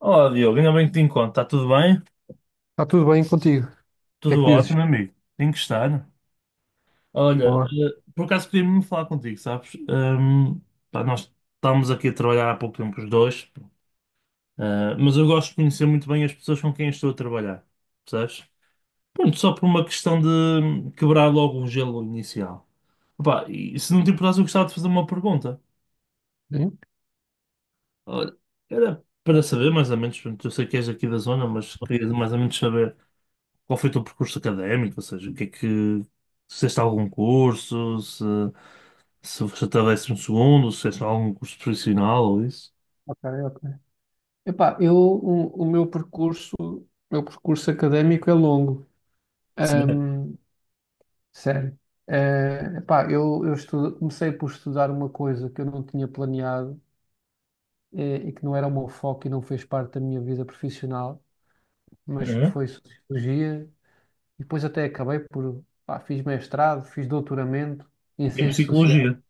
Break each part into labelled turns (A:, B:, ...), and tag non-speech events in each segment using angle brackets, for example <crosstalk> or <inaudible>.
A: Olá, Diogo, ainda bem que te encontro. Está tudo bem?
B: Está tudo bem contigo? O que é
A: Tudo
B: que dizes?
A: ótimo, amigo. Tem que estar. Olha,
B: Boa.
A: por acaso queria me falar contigo, sabes? Pá, nós estamos aqui a trabalhar há pouco tempo os dois, mas eu gosto de conhecer muito bem as pessoas com quem estou a trabalhar, percebes? Pronto, só por uma questão de quebrar logo o gelo inicial. Opá, e se não te importasse, eu gostava de fazer uma pergunta.
B: Sim?
A: Olha, era para saber mais ou menos, pronto, eu sei que és aqui da zona, mas queria mais ou menos saber. Qual foi o teu percurso académico? Ou seja, o que é que. Se fizeste algum curso, se estavesse um segundo, se fizeste algum curso profissional ou isso?
B: Ok, ok. Epá, o meu percurso, o meu percurso académico é longo.
A: Sim.
B: Ahm, Sério. Eh, epá, eu estu- Comecei por estudar uma coisa que eu não tinha planeado, e que não era o meu foco e não fez parte da minha vida profissional, mas que
A: Uhum.
B: foi sociologia, e depois até acabei por, pá, fiz mestrado, fiz doutoramento em
A: Em
B: ciências sociais,
A: psicologia.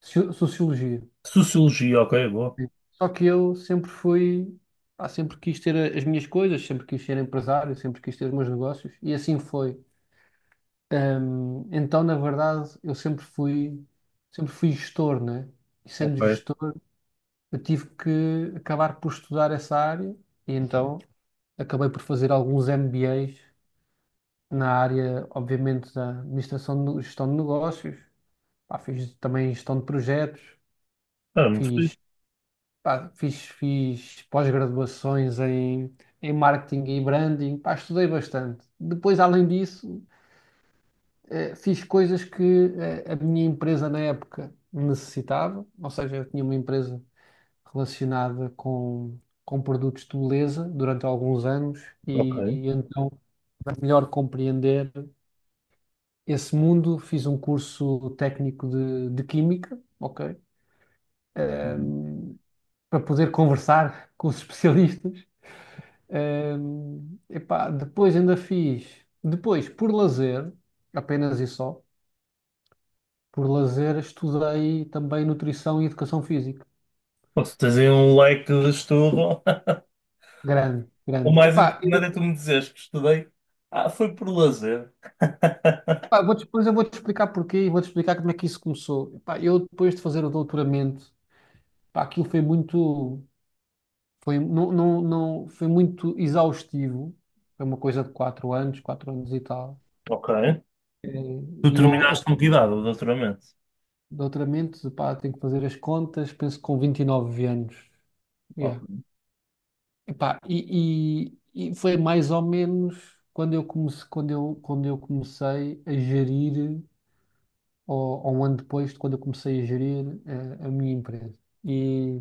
B: sociologia.
A: Sociologia, ok, boa.
B: Sim. Só que eu sempre fui, pá, sempre quis ter as minhas coisas, sempre quis ser empresário, sempre quis ter os meus negócios e assim foi. Então, na verdade, sempre fui gestor, né? E sendo
A: Ok.
B: gestor, eu tive que acabar por estudar essa área e então acabei por fazer alguns MBAs na área, obviamente, da administração de gestão de negócios. Pá, fiz também gestão de projetos,
A: Ah, muito fixe.
B: fiz Pá, fiz pós-graduações em, em marketing e branding, pá, estudei bastante. Depois, além disso, fiz coisas que a minha empresa na época necessitava, ou seja, eu tinha uma empresa relacionada com produtos de beleza durante alguns anos e,
A: Ok.
B: e então, para melhor compreender esse mundo, fiz um curso técnico de química, ok? Eh,
A: Uhum.
B: Para poder conversar <laughs> com os especialistas. Epá, depois ainda fiz, depois por lazer, apenas e só, por lazer estudei também nutrição e educação física.
A: Pô, se tens aí um leque de estudo, <laughs>
B: Grande,
A: o
B: grande.
A: mais
B: Epá,
A: importante é tu me dizeres que estudei. Ah, foi por lazer.
B: pá, vou, depois eu vou-te explicar porquê e vou-te explicar como é que isso começou. Epá, eu depois de fazer o doutoramento, pá, aquilo foi muito, foi, não, não, não, foi muito exaustivo. Foi uma coisa de quatro anos e tal.
A: Ok. Tu
B: E
A: terminaste com que idade o doutoramento?
B: doutoramento, pá, tenho que fazer as contas, penso que com 29 anos. Yeah.
A: Ok.
B: Epá, e foi mais ou menos quando eu comecei, quando eu comecei a gerir, ou um ano depois de quando eu comecei a gerir minha empresa. E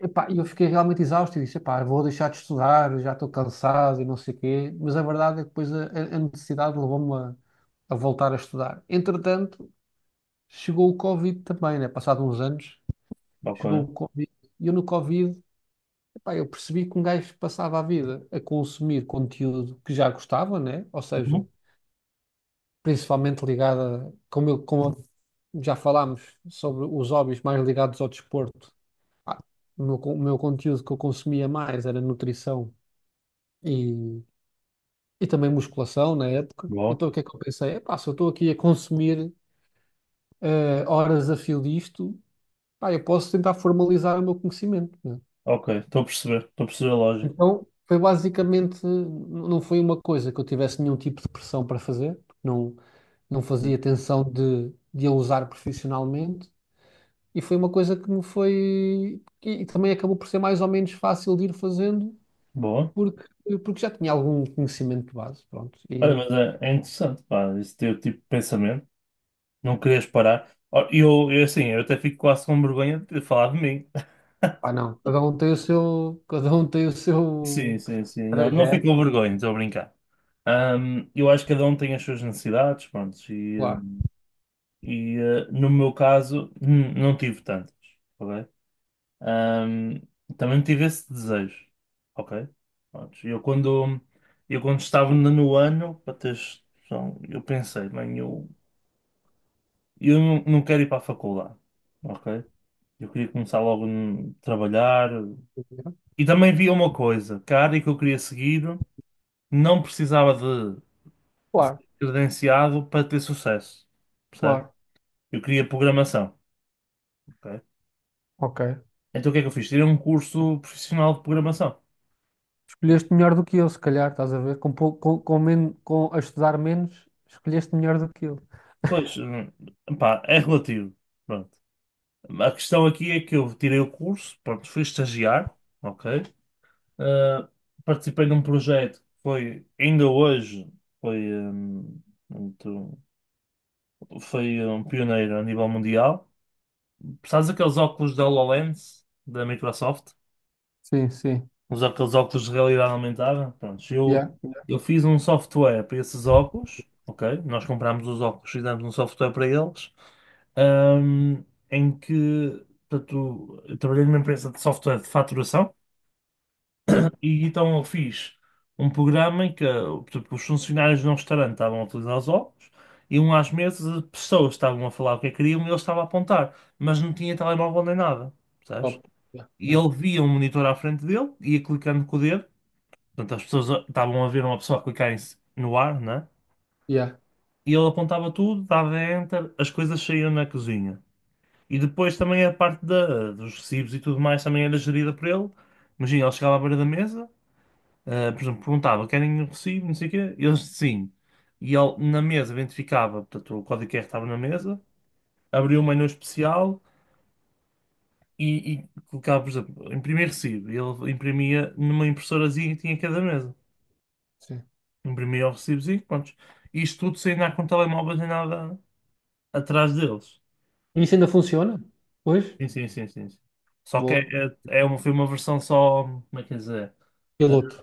B: epá, eu fiquei realmente exausto e disse, epá, vou deixar de estudar, já estou cansado e não sei o quê. Mas a verdade é que depois a necessidade levou-me a voltar a estudar. Entretanto, chegou o Covid também, né? Passado uns anos, chegou o
A: Ok.
B: Covid. E eu no Covid pá, eu percebi que um gajo passava a vida a consumir conteúdo que já gostava, né? Ou seja,
A: Uhum.
B: principalmente ligado a, como, como já falámos sobre os hobbies mais ligados ao desporto. Ah, o meu, o meu conteúdo que eu consumia mais era nutrição e, e também musculação na época.
A: Boa.
B: Então o que é que eu pensei? Epá, se eu estou aqui a consumir horas a fio disto, pá, eu posso tentar formalizar o meu conhecimento, né?
A: Ok, estou a perceber. Estou a perceber a lógica.
B: Então, foi basicamente, não foi uma coisa que eu tivesse nenhum tipo de pressão para fazer, porque não, não fazia tensão de a usar profissionalmente, e foi uma coisa que me foi, e também acabou por ser mais ou menos fácil de ir fazendo,
A: Boa.
B: porque, porque já tinha algum conhecimento de base, pronto,
A: Olha,
B: e
A: mas é interessante, pá, esse teu tipo de pensamento, não querias parar. Ó, Eu, assim, eu até fico quase com vergonha de ter falado de mim. <laughs>
B: pá, não, cada um tem o seu, cada um tem o
A: Sim,
B: seu
A: sim, sim. Não, não fico com
B: trajeto,
A: vergonha, estou a brincar. Eu acho que cada um tem as suas necessidades, pronto, e, eh,
B: claro,
A: e, eh, no meu caso, não tive tantas, ok? Ahm, também tive esse desejo, ok? Pronto, eu quando estava no ano, para teres noção, eu pensei, bem, eu não quero ir para a faculdade, ok? Eu queria começar logo a trabalhar. E também via uma coisa, que a área que eu queria seguir não precisava de
B: claro,
A: ser credenciado para ter sucesso, percebe?
B: claro,
A: Eu queria programação, ok?
B: ok.
A: Então o que é que eu fiz? Tirei um curso profissional de programação.
B: Escolheste melhor do que eu, se calhar, estás a ver? Com, com a estudar menos, escolheste melhor do que eu.
A: Pois, pá, é relativo. Pronto. A questão aqui é que eu tirei o curso, pronto, fui estagiar, ok? Uh, participei num projeto que foi, ainda hoje, foi, um, muito- foi um pioneiro a nível mundial. Precisas daqueles óculos da HoloLens, da Microsoft,
B: Sim, sim.
A: os aqueles óculos de realidade aumentada. Pronto, eu,
B: Yeah, yeah.
A: eu fiz um software para esses óculos, ok? Nós comprámos os óculos, fizemos um software para eles, um, em que, portanto, eu trabalhei numa empresa de software de faturação.
B: É,
A: E então eu fiz um programa em que tipo, os funcionários de um restaurante estavam a utilizar os óculos, iam às mesas, as pessoas estavam a falar o que é que queriam e ele estava a apontar, mas não tinha telemóvel nem nada, percebes?
B: top. Yeah,
A: E
B: yeah,
A: ele via um monitor à frente dele, ia clicando com o dedo, portanto as pessoas estavam a ver uma pessoa clicar no ar, né?
B: yeah,
A: E ele apontava tudo, dava enter, as coisas saíam na cozinha. E depois também a parte dos recibos e tudo mais também era gerida por ele. Imagina, ele chegava à beira da mesa. Ah, por exemplo, perguntava, querem um recibo, não sei o quê? Eles, sim. E ele, na mesa, identificava, portanto, o código QR estava na mesa, abria um menu especial e colocava, por exemplo, imprimir recibo. E ele imprimia numa impressorazinha que tinha em cada mesa.
B: sim.
A: Imprimia o recibozinho, pronto. Isto tudo sem andar com telemóveis nem nada atrás deles.
B: E isso ainda funciona? Pois?
A: Sim, sim, sim, sim, sim. Só que
B: Boa.
A: é é uma versão só, como é que é dizer? Ah,
B: Piloto.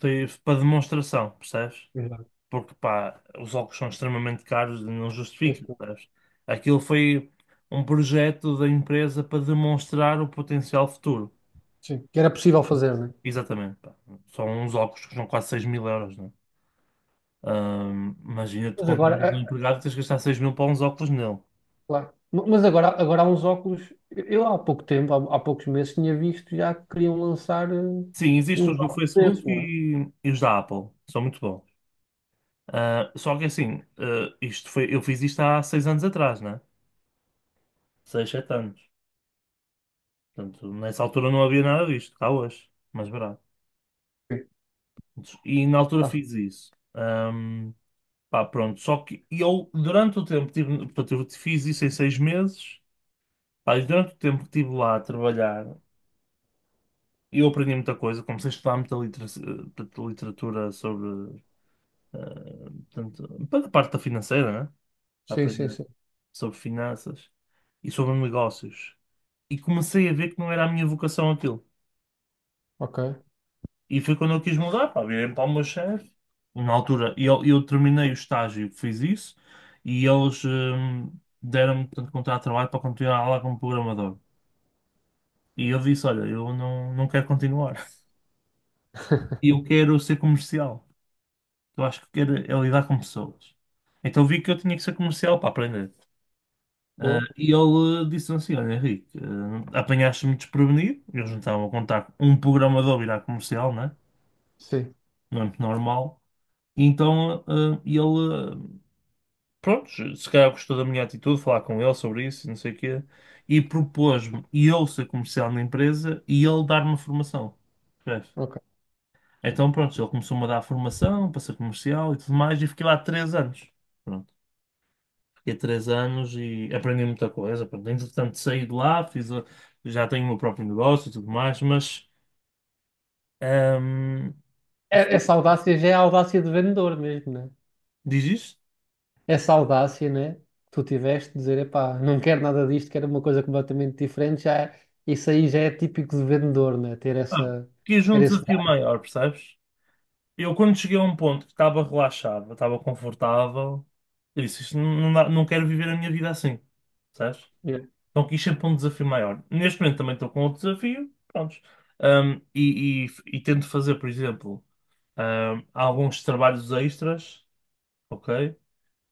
A: foi para demonstração, percebes?
B: Exato.
A: Porque pá, os óculos são extremamente caros e não
B: Pois,
A: justifica,
B: pô.
A: sabes? Aquilo foi um projeto da empresa para demonstrar o potencial futuro.
B: Sim. Que era possível fazer, não é?
A: Exatamente, pá. São uns óculos que são quase 6000 euros, né? Imagina, tu
B: Mas
A: compras
B: agora, é,
A: um empregado e tens que gastar 6000 para uns óculos nele.
B: claro. Mas agora, agora há uns óculos. Eu há pouco tempo, há, há poucos meses, tinha visto já que queriam lançar
A: Sim, existem
B: uns
A: os do
B: óculos
A: Facebook
B: desses, não
A: e os da Apple, são muito bons. Ah, só que assim, isto foi, eu fiz isto há 6 anos atrás, né? 6 7 anos. Portanto, nessa altura não havia nada disto, cá hoje, mais barato.
B: é? Sim.
A: E na altura
B: Ah,
A: fiz isso. Pá, pronto. Só que eu, durante o tempo, que tive, portanto, eu fiz isso em 6 meses. Pá, e durante o tempo que estive lá a trabalhar, eu aprendi muita coisa. Comecei a estudar muita portanto, literatura sobre, portanto, para a parte da financeira, né? A
B: sim, sim,
A: aprender
B: sim.
A: sobre finanças e sobre negócios. E comecei a ver que não era a minha vocação aquilo.
B: Ok.
A: E foi quando eu quis mudar, pá, virei para o meu chefe. Na altura, eu terminei o estágio, fiz isso, e eles deram-me, portanto, contrato de trabalho para continuar lá como programador. E eu disse, olha, eu não, não quero continuar. <laughs> Eu quero ser comercial. Eu acho que quero é lidar com pessoas. Então vi que eu tinha que ser comercial para aprender. Ah,
B: Boa.
A: e ele disse assim, olha, Henrique, apanhaste-me desprevenido. Eles não estavam a contar um programador virar comercial, né?
B: Sim.
A: Não é muito normal. Então, ele, prontos, se calhar gostou da minha atitude, falar com ele sobre isso, e não sei o quê, e propôs-me e eu ser comercial na empresa e ele dar-me formação. Percebes?
B: Ok.
A: Então, pronto, ele começou-me a dar formação para ser comercial e tudo mais, e fiquei lá 3 anos. Pronto, fiquei 3 anos e aprendi muita coisa. Pronto, entretanto, saí de lá, já tenho o meu próprio negócio e tudo mais, mas, hum,
B: Essa audácia já é a audácia de vendedor mesmo, né?
A: diz isto?
B: Essa audácia, né? que Tu tiveste de dizer, epá, não quero nada disto, quero uma coisa completamente diferente, isso aí já é típico de vendedor, né? Ter
A: Ah,
B: essa,
A: quis um
B: ter esse...
A: desafio maior, percebes? Eu, quando cheguei a um ponto que estava relaxado, estava confortável, eu disse, isto não, não quero viver a minha vida assim, sabes?
B: Yeah.
A: Então quis sempre um desafio maior. Neste momento também estou com outro desafio, pronto. e, e, e tento fazer, por exemplo, alguns trabalhos extras, ok?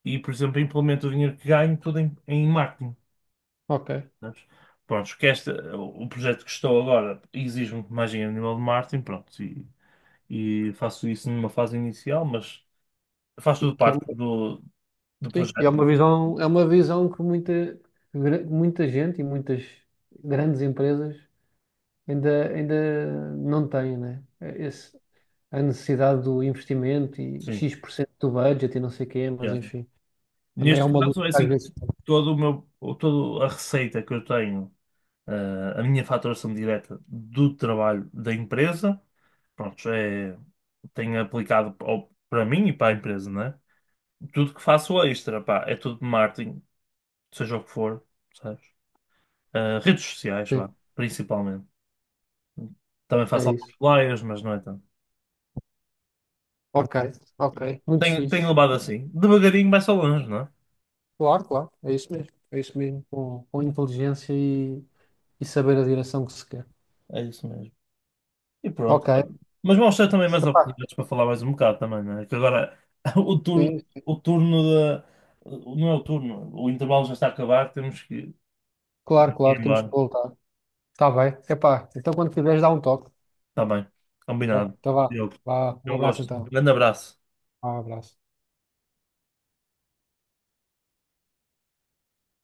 A: E, por exemplo, implemento o dinheiro que ganho tudo em marketing,
B: Ok.
A: sabes? Pronto, que o projeto que estou agora exige muito mais dinheiro a nível de marketing, pronto, e faço isso numa fase inicial, mas faz
B: Que,
A: tudo
B: que é uma,
A: parte do
B: sim, e
A: projeto.
B: é uma visão que muita, muita gente e muitas grandes empresas ainda, ainda não têm, né? É, esse, a necessidade do investimento e
A: Sim.
B: X% do budget e não sei o quê, mas
A: Yeah.
B: enfim, também é
A: Neste
B: uma luta
A: caso, é
B: que às
A: assim,
B: vezes.
A: todo o meu, o- toda a receita que eu tenho, a minha faturação direta do trabalho da empresa, pronto, é, tenho aplicado para mim e para a empresa, né? Tudo que faço extra, pá, é tudo de marketing, seja o que for, sabes? Redes sociais,
B: Sim,
A: vá, principalmente. Também
B: é
A: faço alguns
B: isso.
A: flyers, mas não é tanto.
B: Ok, ok, muito
A: Tenho
B: fixe.
A: levado assim. Devagarinho vai só longe, não é?
B: Claro, claro, é isso mesmo. É isso mesmo, com inteligência e saber a direção que se quer.
A: É isso mesmo. E pronto.
B: Ok.
A: Mas mostra também mais
B: Epá,
A: oportunidades para falar mais um bocado também, não é? Que agora <laughs> o turno,
B: sim,
A: o turno da. Não é o turno, o intervalo já está a acabar, temos que,
B: claro,
A: temos que
B: claro,
A: ir
B: temos que
A: embora.
B: voltar. Está bem, epá, então quando quiseres dá um toque.
A: Está bem,
B: Vai,
A: combinado.
B: então vá,
A: Eu,
B: vá, um
A: eu
B: abraço
A: gosto.
B: então.
A: Grande abraço.
B: Vá, um abraço.